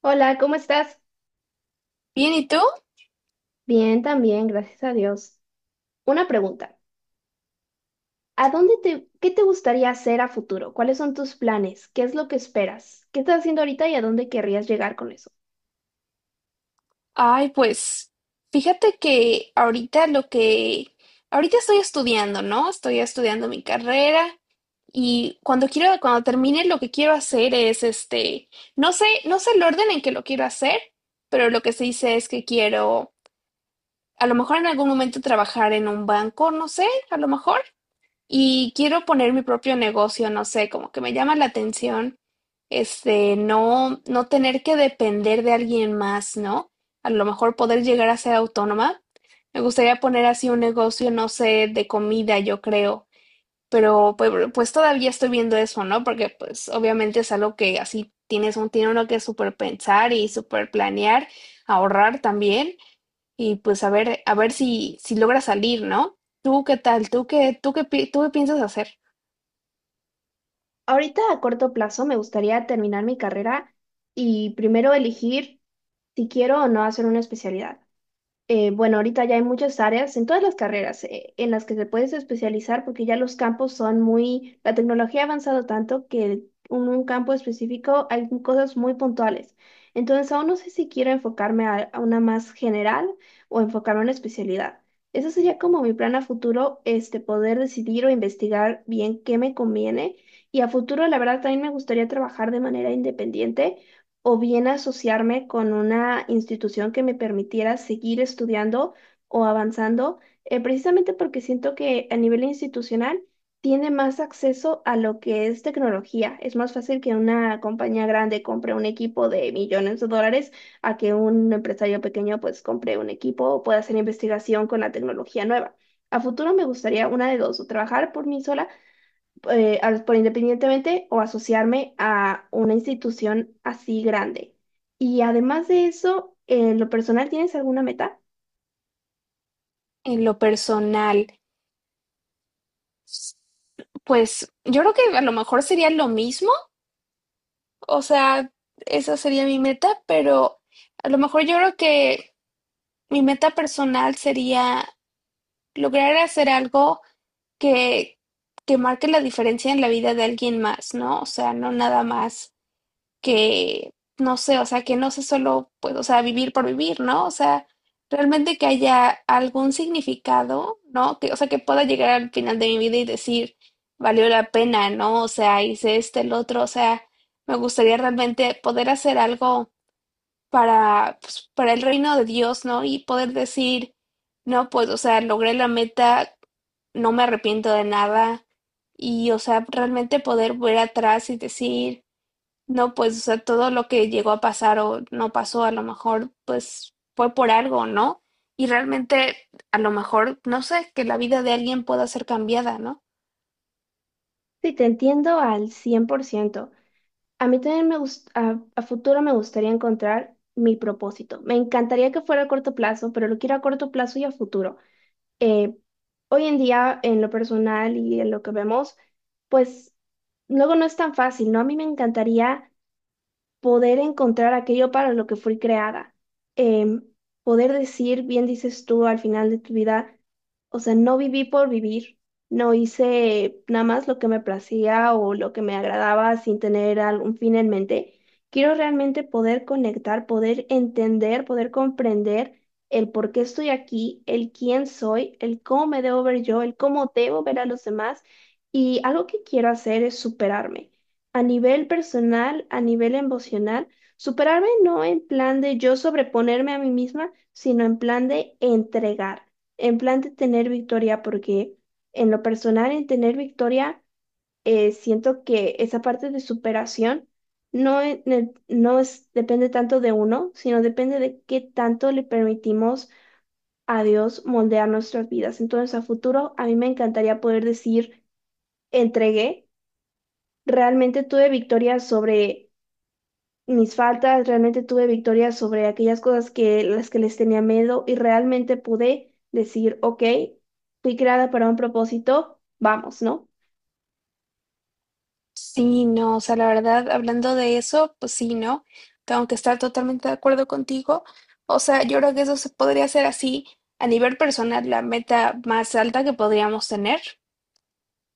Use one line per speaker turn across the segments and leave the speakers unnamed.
Hola, ¿cómo estás?
Bien, ¿y tú?
Bien, también, gracias a Dios. Una pregunta. ¿Qué te gustaría hacer a futuro? ¿Cuáles son tus planes? ¿Qué es lo que esperas? ¿Qué estás haciendo ahorita y a dónde querrías llegar con eso?
Ay, pues fíjate que ahorita ahorita estoy estudiando, ¿no? Estoy estudiando mi carrera y cuando termine lo que quiero hacer es este, no sé el orden en que lo quiero hacer, pero lo que se dice es que quiero, a lo mejor en algún momento trabajar en un banco, no sé, a lo mejor. Y quiero poner mi propio negocio, no sé, como que me llama la atención, este, no tener que depender de alguien más, ¿no? A lo mejor poder llegar a ser autónoma. Me gustaría poner así un negocio, no sé, de comida, yo creo, pero pues todavía estoy viendo eso, ¿no? Porque pues obviamente es algo que así tiene uno que súper pensar y súper planear, ahorrar también. Y pues a ver si logra salir, ¿no? ¿Tú qué tal? Tú qué piensas hacer
Ahorita a corto plazo me gustaría terminar mi carrera y primero elegir si quiero o no hacer una especialidad. Bueno, ahorita ya hay muchas áreas en todas las carreras en las que te puedes especializar porque ya los campos son muy, la tecnología ha avanzado tanto que en un campo específico hay cosas muy puntuales. Entonces, aún no sé si quiero enfocarme a una más general o enfocarme a una especialidad. Ese sería como mi plan a futuro, poder decidir o investigar bien qué me conviene. Y a futuro, la verdad, también me gustaría trabajar de manera independiente o bien asociarme con una institución que me permitiera seguir estudiando o avanzando, precisamente porque siento que a nivel institucional tiene más acceso a lo que es tecnología. Es más fácil que una compañía grande compre un equipo de millones de dólares a que un empresario pequeño pues compre un equipo o pueda hacer investigación con la tecnología nueva. A futuro me gustaría una de dos, o trabajar por mí sola por independientemente o asociarme a una institución así grande. Y además de eso, en lo personal, ¿tienes alguna meta?
en lo personal? Pues yo creo que a lo mejor sería lo mismo, o sea, esa sería mi meta, pero a lo mejor yo creo que mi meta personal sería lograr hacer algo que, que marque la diferencia en la vida de alguien más, ¿no? O sea, no nada más que, no sé, o sea, que no sea solo, pues, o sea, vivir por vivir, ¿no? O sea, realmente que haya algún significado, ¿no? Que, o sea, que pueda llegar al final de mi vida y decir, valió la pena, ¿no? O sea, hice este, el otro, o sea, me gustaría realmente poder hacer algo para el reino de Dios, ¿no? Y poder decir, no, pues, o sea, logré la meta, no me arrepiento de nada. Y, o sea, realmente poder ver atrás y decir, no, pues, o sea, todo lo que llegó a pasar o no pasó, a lo mejor, pues, fue por algo, ¿no? Y realmente, a lo mejor, no sé, que la vida de alguien pueda ser cambiada, ¿no?
Sí, te entiendo al 100%. A mí también a futuro me gustaría encontrar mi propósito. Me encantaría que fuera a corto plazo, pero lo quiero a corto plazo y a futuro. Eh, Hoy en día, en lo personal y en lo que vemos, pues luego no es tan fácil, ¿no? A mí me encantaría poder encontrar aquello para lo que fui creada, em, poder decir, bien dices tú al final de tu vida, o sea, no viví por vivir, no hice nada más lo que me placía o lo que me agradaba sin tener algún fin en mente. Quiero realmente poder conectar, poder entender, poder comprender el por qué estoy aquí, el quién soy, el cómo me debo ver yo, el cómo debo ver a los demás. Y algo que quiero hacer es superarme a nivel personal, a nivel emocional, superarme no en plan de yo sobreponerme a mí misma, sino en plan de entregar, en plan de tener victoria, porque en lo personal, en tener victoria, siento que esa parte de superación no es, depende tanto de uno, sino depende de qué tanto le permitimos a Dios moldear nuestras vidas. Entonces, a futuro, a mí me encantaría poder decir, entregué, realmente tuve victoria sobre mis faltas, realmente tuve victoria sobre aquellas cosas que las que les tenía miedo y realmente pude decir, ok, fui creada para un propósito, vamos, ¿no?
Sí, no, o sea, la verdad, hablando de eso, pues sí, ¿no? Tengo que estar totalmente de acuerdo contigo. O sea, yo creo que eso se podría hacer así, a nivel personal, la meta más alta que podríamos tener.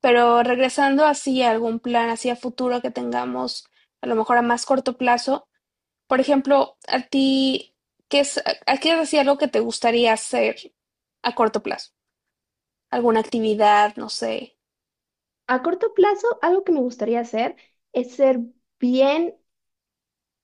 Pero regresando así a algún plan, así a futuro que tengamos, a lo mejor a más corto plazo. Por ejemplo, a ti, ¿qué es, a qué es así algo que te gustaría hacer a corto plazo? ¿Alguna actividad? No sé.
A corto plazo, algo que me gustaría hacer es ser bien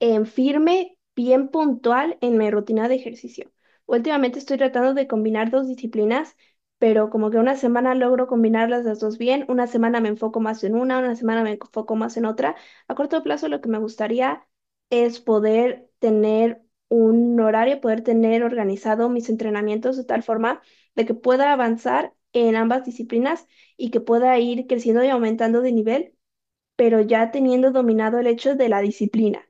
firme, bien puntual en mi rutina de ejercicio. Últimamente estoy tratando de combinar dos disciplinas, pero como que una semana logro combinarlas las dos bien, una semana me enfoco más en una semana me enfoco más en otra. A corto plazo lo que me gustaría es poder tener un horario, poder tener organizado mis entrenamientos de tal forma de que pueda avanzar en ambas disciplinas y que pueda ir creciendo y aumentando de nivel, pero ya teniendo dominado el hecho de la disciplina.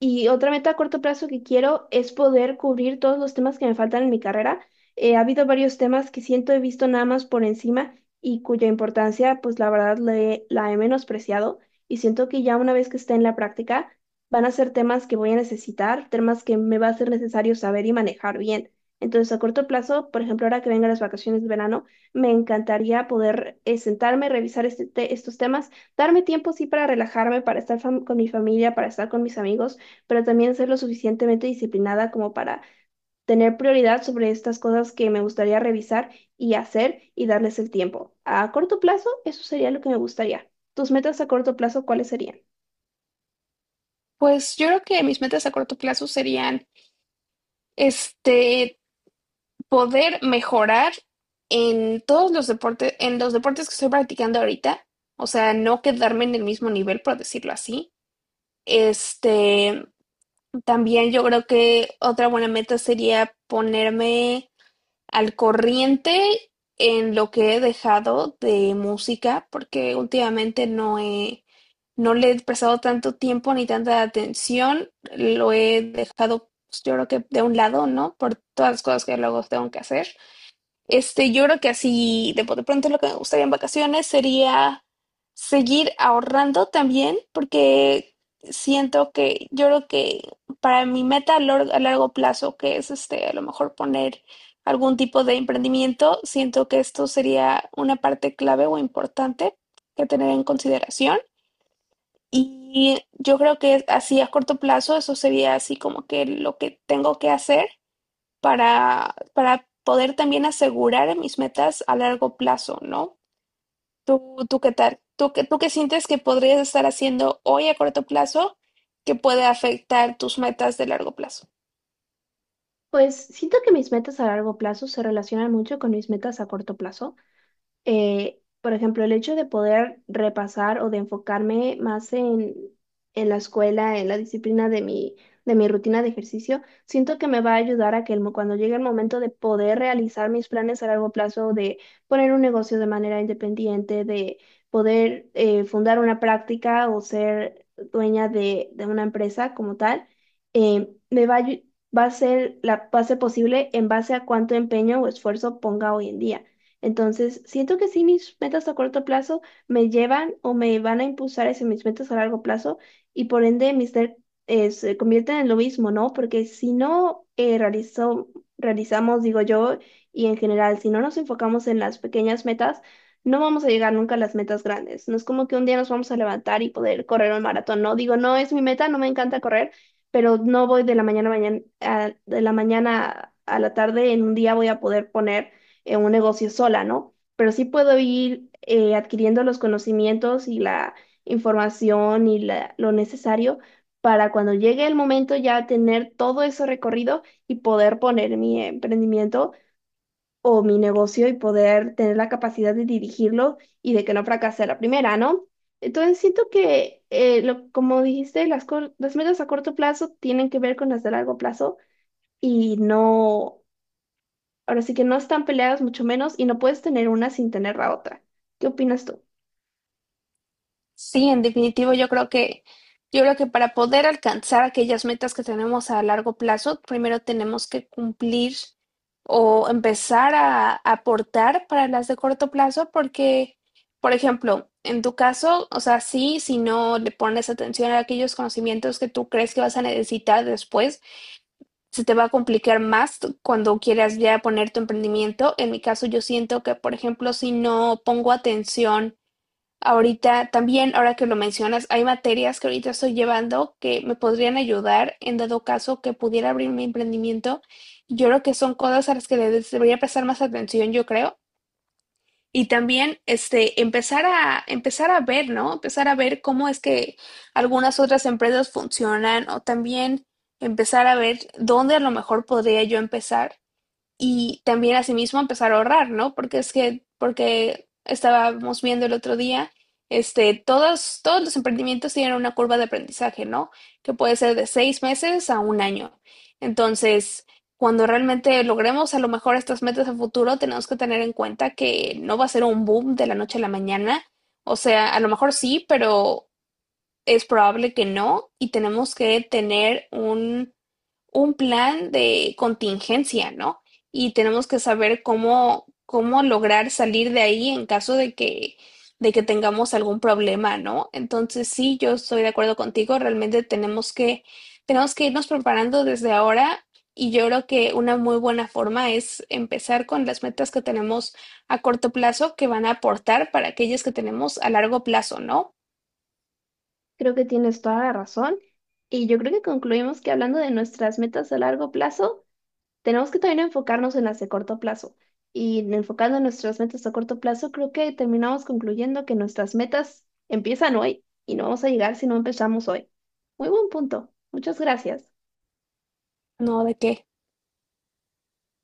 Y otra meta a corto plazo que quiero es poder cubrir todos los temas que me faltan en mi carrera. Ha habido varios temas que siento he visto nada más por encima y cuya importancia, pues la verdad, la he menospreciado. Y siento que ya una vez que esté en la práctica, van a ser temas que voy a necesitar, temas que me va a ser necesario saber y manejar bien. Entonces, a corto plazo, por ejemplo, ahora que vengan las vacaciones de verano, me encantaría poder sentarme, revisar estos temas. Darme tiempo, sí, para relajarme, para estar con mi familia, para estar con mis amigos, pero también ser lo suficientemente disciplinada como para tener prioridad sobre estas cosas que me gustaría revisar y hacer y darles el tiempo. A corto plazo, eso sería lo que me gustaría. ¿Tus metas a corto plazo cuáles serían?
Pues yo creo que mis metas a corto plazo serían, este, poder mejorar en todos los deportes, en los deportes que estoy practicando ahorita. O sea, no quedarme en el mismo nivel, por decirlo así. Este, también yo creo que otra buena meta sería ponerme al corriente en lo que he dejado de música, porque últimamente no he, no le he prestado tanto tiempo ni tanta atención, lo he dejado, pues, yo creo que de un lado, ¿no? Por todas las cosas que luego tengo que hacer. Este, yo creo que así de pronto lo que me gustaría en vacaciones sería seguir ahorrando también, porque siento que yo creo que para mi meta a, lor- a largo plazo, que es este, a lo mejor poner algún tipo de emprendimiento, siento que esto sería una parte clave o importante que tener en consideración. Y yo creo que así a corto plazo, eso sería así como que lo que tengo que hacer para poder también asegurar mis metas a largo plazo, ¿no? ¿Tú qué tal? ¿Tú qué sientes que podrías estar haciendo hoy a corto plazo que puede afectar tus metas de largo plazo?
Pues siento que mis metas a largo plazo se relacionan mucho con mis metas a corto plazo. Eh, por ejemplo, el hecho de poder repasar o de enfocarme más en la escuela, en la disciplina de mi rutina de ejercicio, siento que me va a ayudar a que cuando llegue el momento de poder realizar mis planes a largo plazo, de poner un negocio de manera independiente, de poder fundar una práctica o ser dueña de una empresa como tal, me va a, ayu- va a ser posible en base a cuánto empeño o esfuerzo ponga hoy en día. Entonces, siento que sí, mis metas a corto plazo me llevan o me van a impulsar hacia mis metas a largo plazo y por ende mis metas se convierten en lo mismo, ¿no? Porque si no realizamos, digo yo, y en general, si no nos enfocamos en las pequeñas metas, no vamos a llegar nunca a las metas grandes. No es como que un día nos vamos a levantar y poder correr un maratón, ¿no? Digo, no es mi meta, no me encanta correr, pero no voy de la mañana a mañana, de la mañana a la tarde, en un día voy a poder poner en un negocio sola, ¿no? Pero sí puedo ir adquiriendo los conocimientos y la información y lo necesario para cuando llegue el momento ya tener todo eso recorrido y poder poner mi emprendimiento o mi negocio y poder tener la capacidad de dirigirlo y de que no fracase a la primera, ¿no? Entonces siento que, como dijiste, las metas a corto plazo tienen que ver con las de largo plazo. Y no, ahora sí que no están peleadas, mucho menos, y no puedes tener una sin tener la otra. ¿Qué opinas tú?
Sí, en definitivo, yo creo que para poder alcanzar aquellas metas que tenemos a largo plazo, primero tenemos que cumplir o empezar a aportar para las de corto plazo, porque, por ejemplo, en tu caso, o sea, sí, si no le pones atención a aquellos conocimientos que tú crees que vas a necesitar después, se te va a complicar más cuando quieras ya poner tu emprendimiento. En mi caso, yo siento que, por ejemplo, si no pongo atención ahorita también, ahora que lo mencionas, hay materias que ahorita estoy llevando que me podrían ayudar en dado caso que pudiera abrir mi emprendimiento. Yo creo que son cosas a las que les debería prestar más atención, yo creo. Y también, este, empezar a ver, ¿no? Empezar a ver cómo es que algunas otras empresas funcionan o también empezar a ver dónde a lo mejor podría yo empezar y también asimismo empezar a ahorrar, ¿no? Porque es que, porque estábamos viendo el otro día, este, todos los emprendimientos tienen una curva de aprendizaje, ¿no? Que puede ser de 6 meses a un año. Entonces, cuando realmente logremos a lo mejor estas metas a futuro, tenemos que tener en cuenta que no va a ser un boom de la noche a la mañana. O sea, a lo mejor sí, pero es probable que no. Y tenemos que tener un plan de contingencia, ¿no? Y tenemos que saber cómo lograr salir de ahí en caso de que, tengamos algún problema, ¿no? Entonces, sí, yo estoy de acuerdo contigo, realmente tenemos que irnos preparando desde ahora. Y yo creo que una muy buena forma es empezar con las metas que tenemos a corto plazo que van a aportar para aquellas que tenemos a largo plazo, ¿no?
Creo que tienes toda la razón. Y yo creo que concluimos que hablando de nuestras metas a largo plazo, tenemos que también enfocarnos en las de corto plazo. Y enfocando en nuestras metas a corto plazo, creo que terminamos concluyendo que nuestras metas empiezan hoy y no vamos a llegar si no empezamos hoy. Muy buen punto. Muchas gracias.
No, ¿de qué?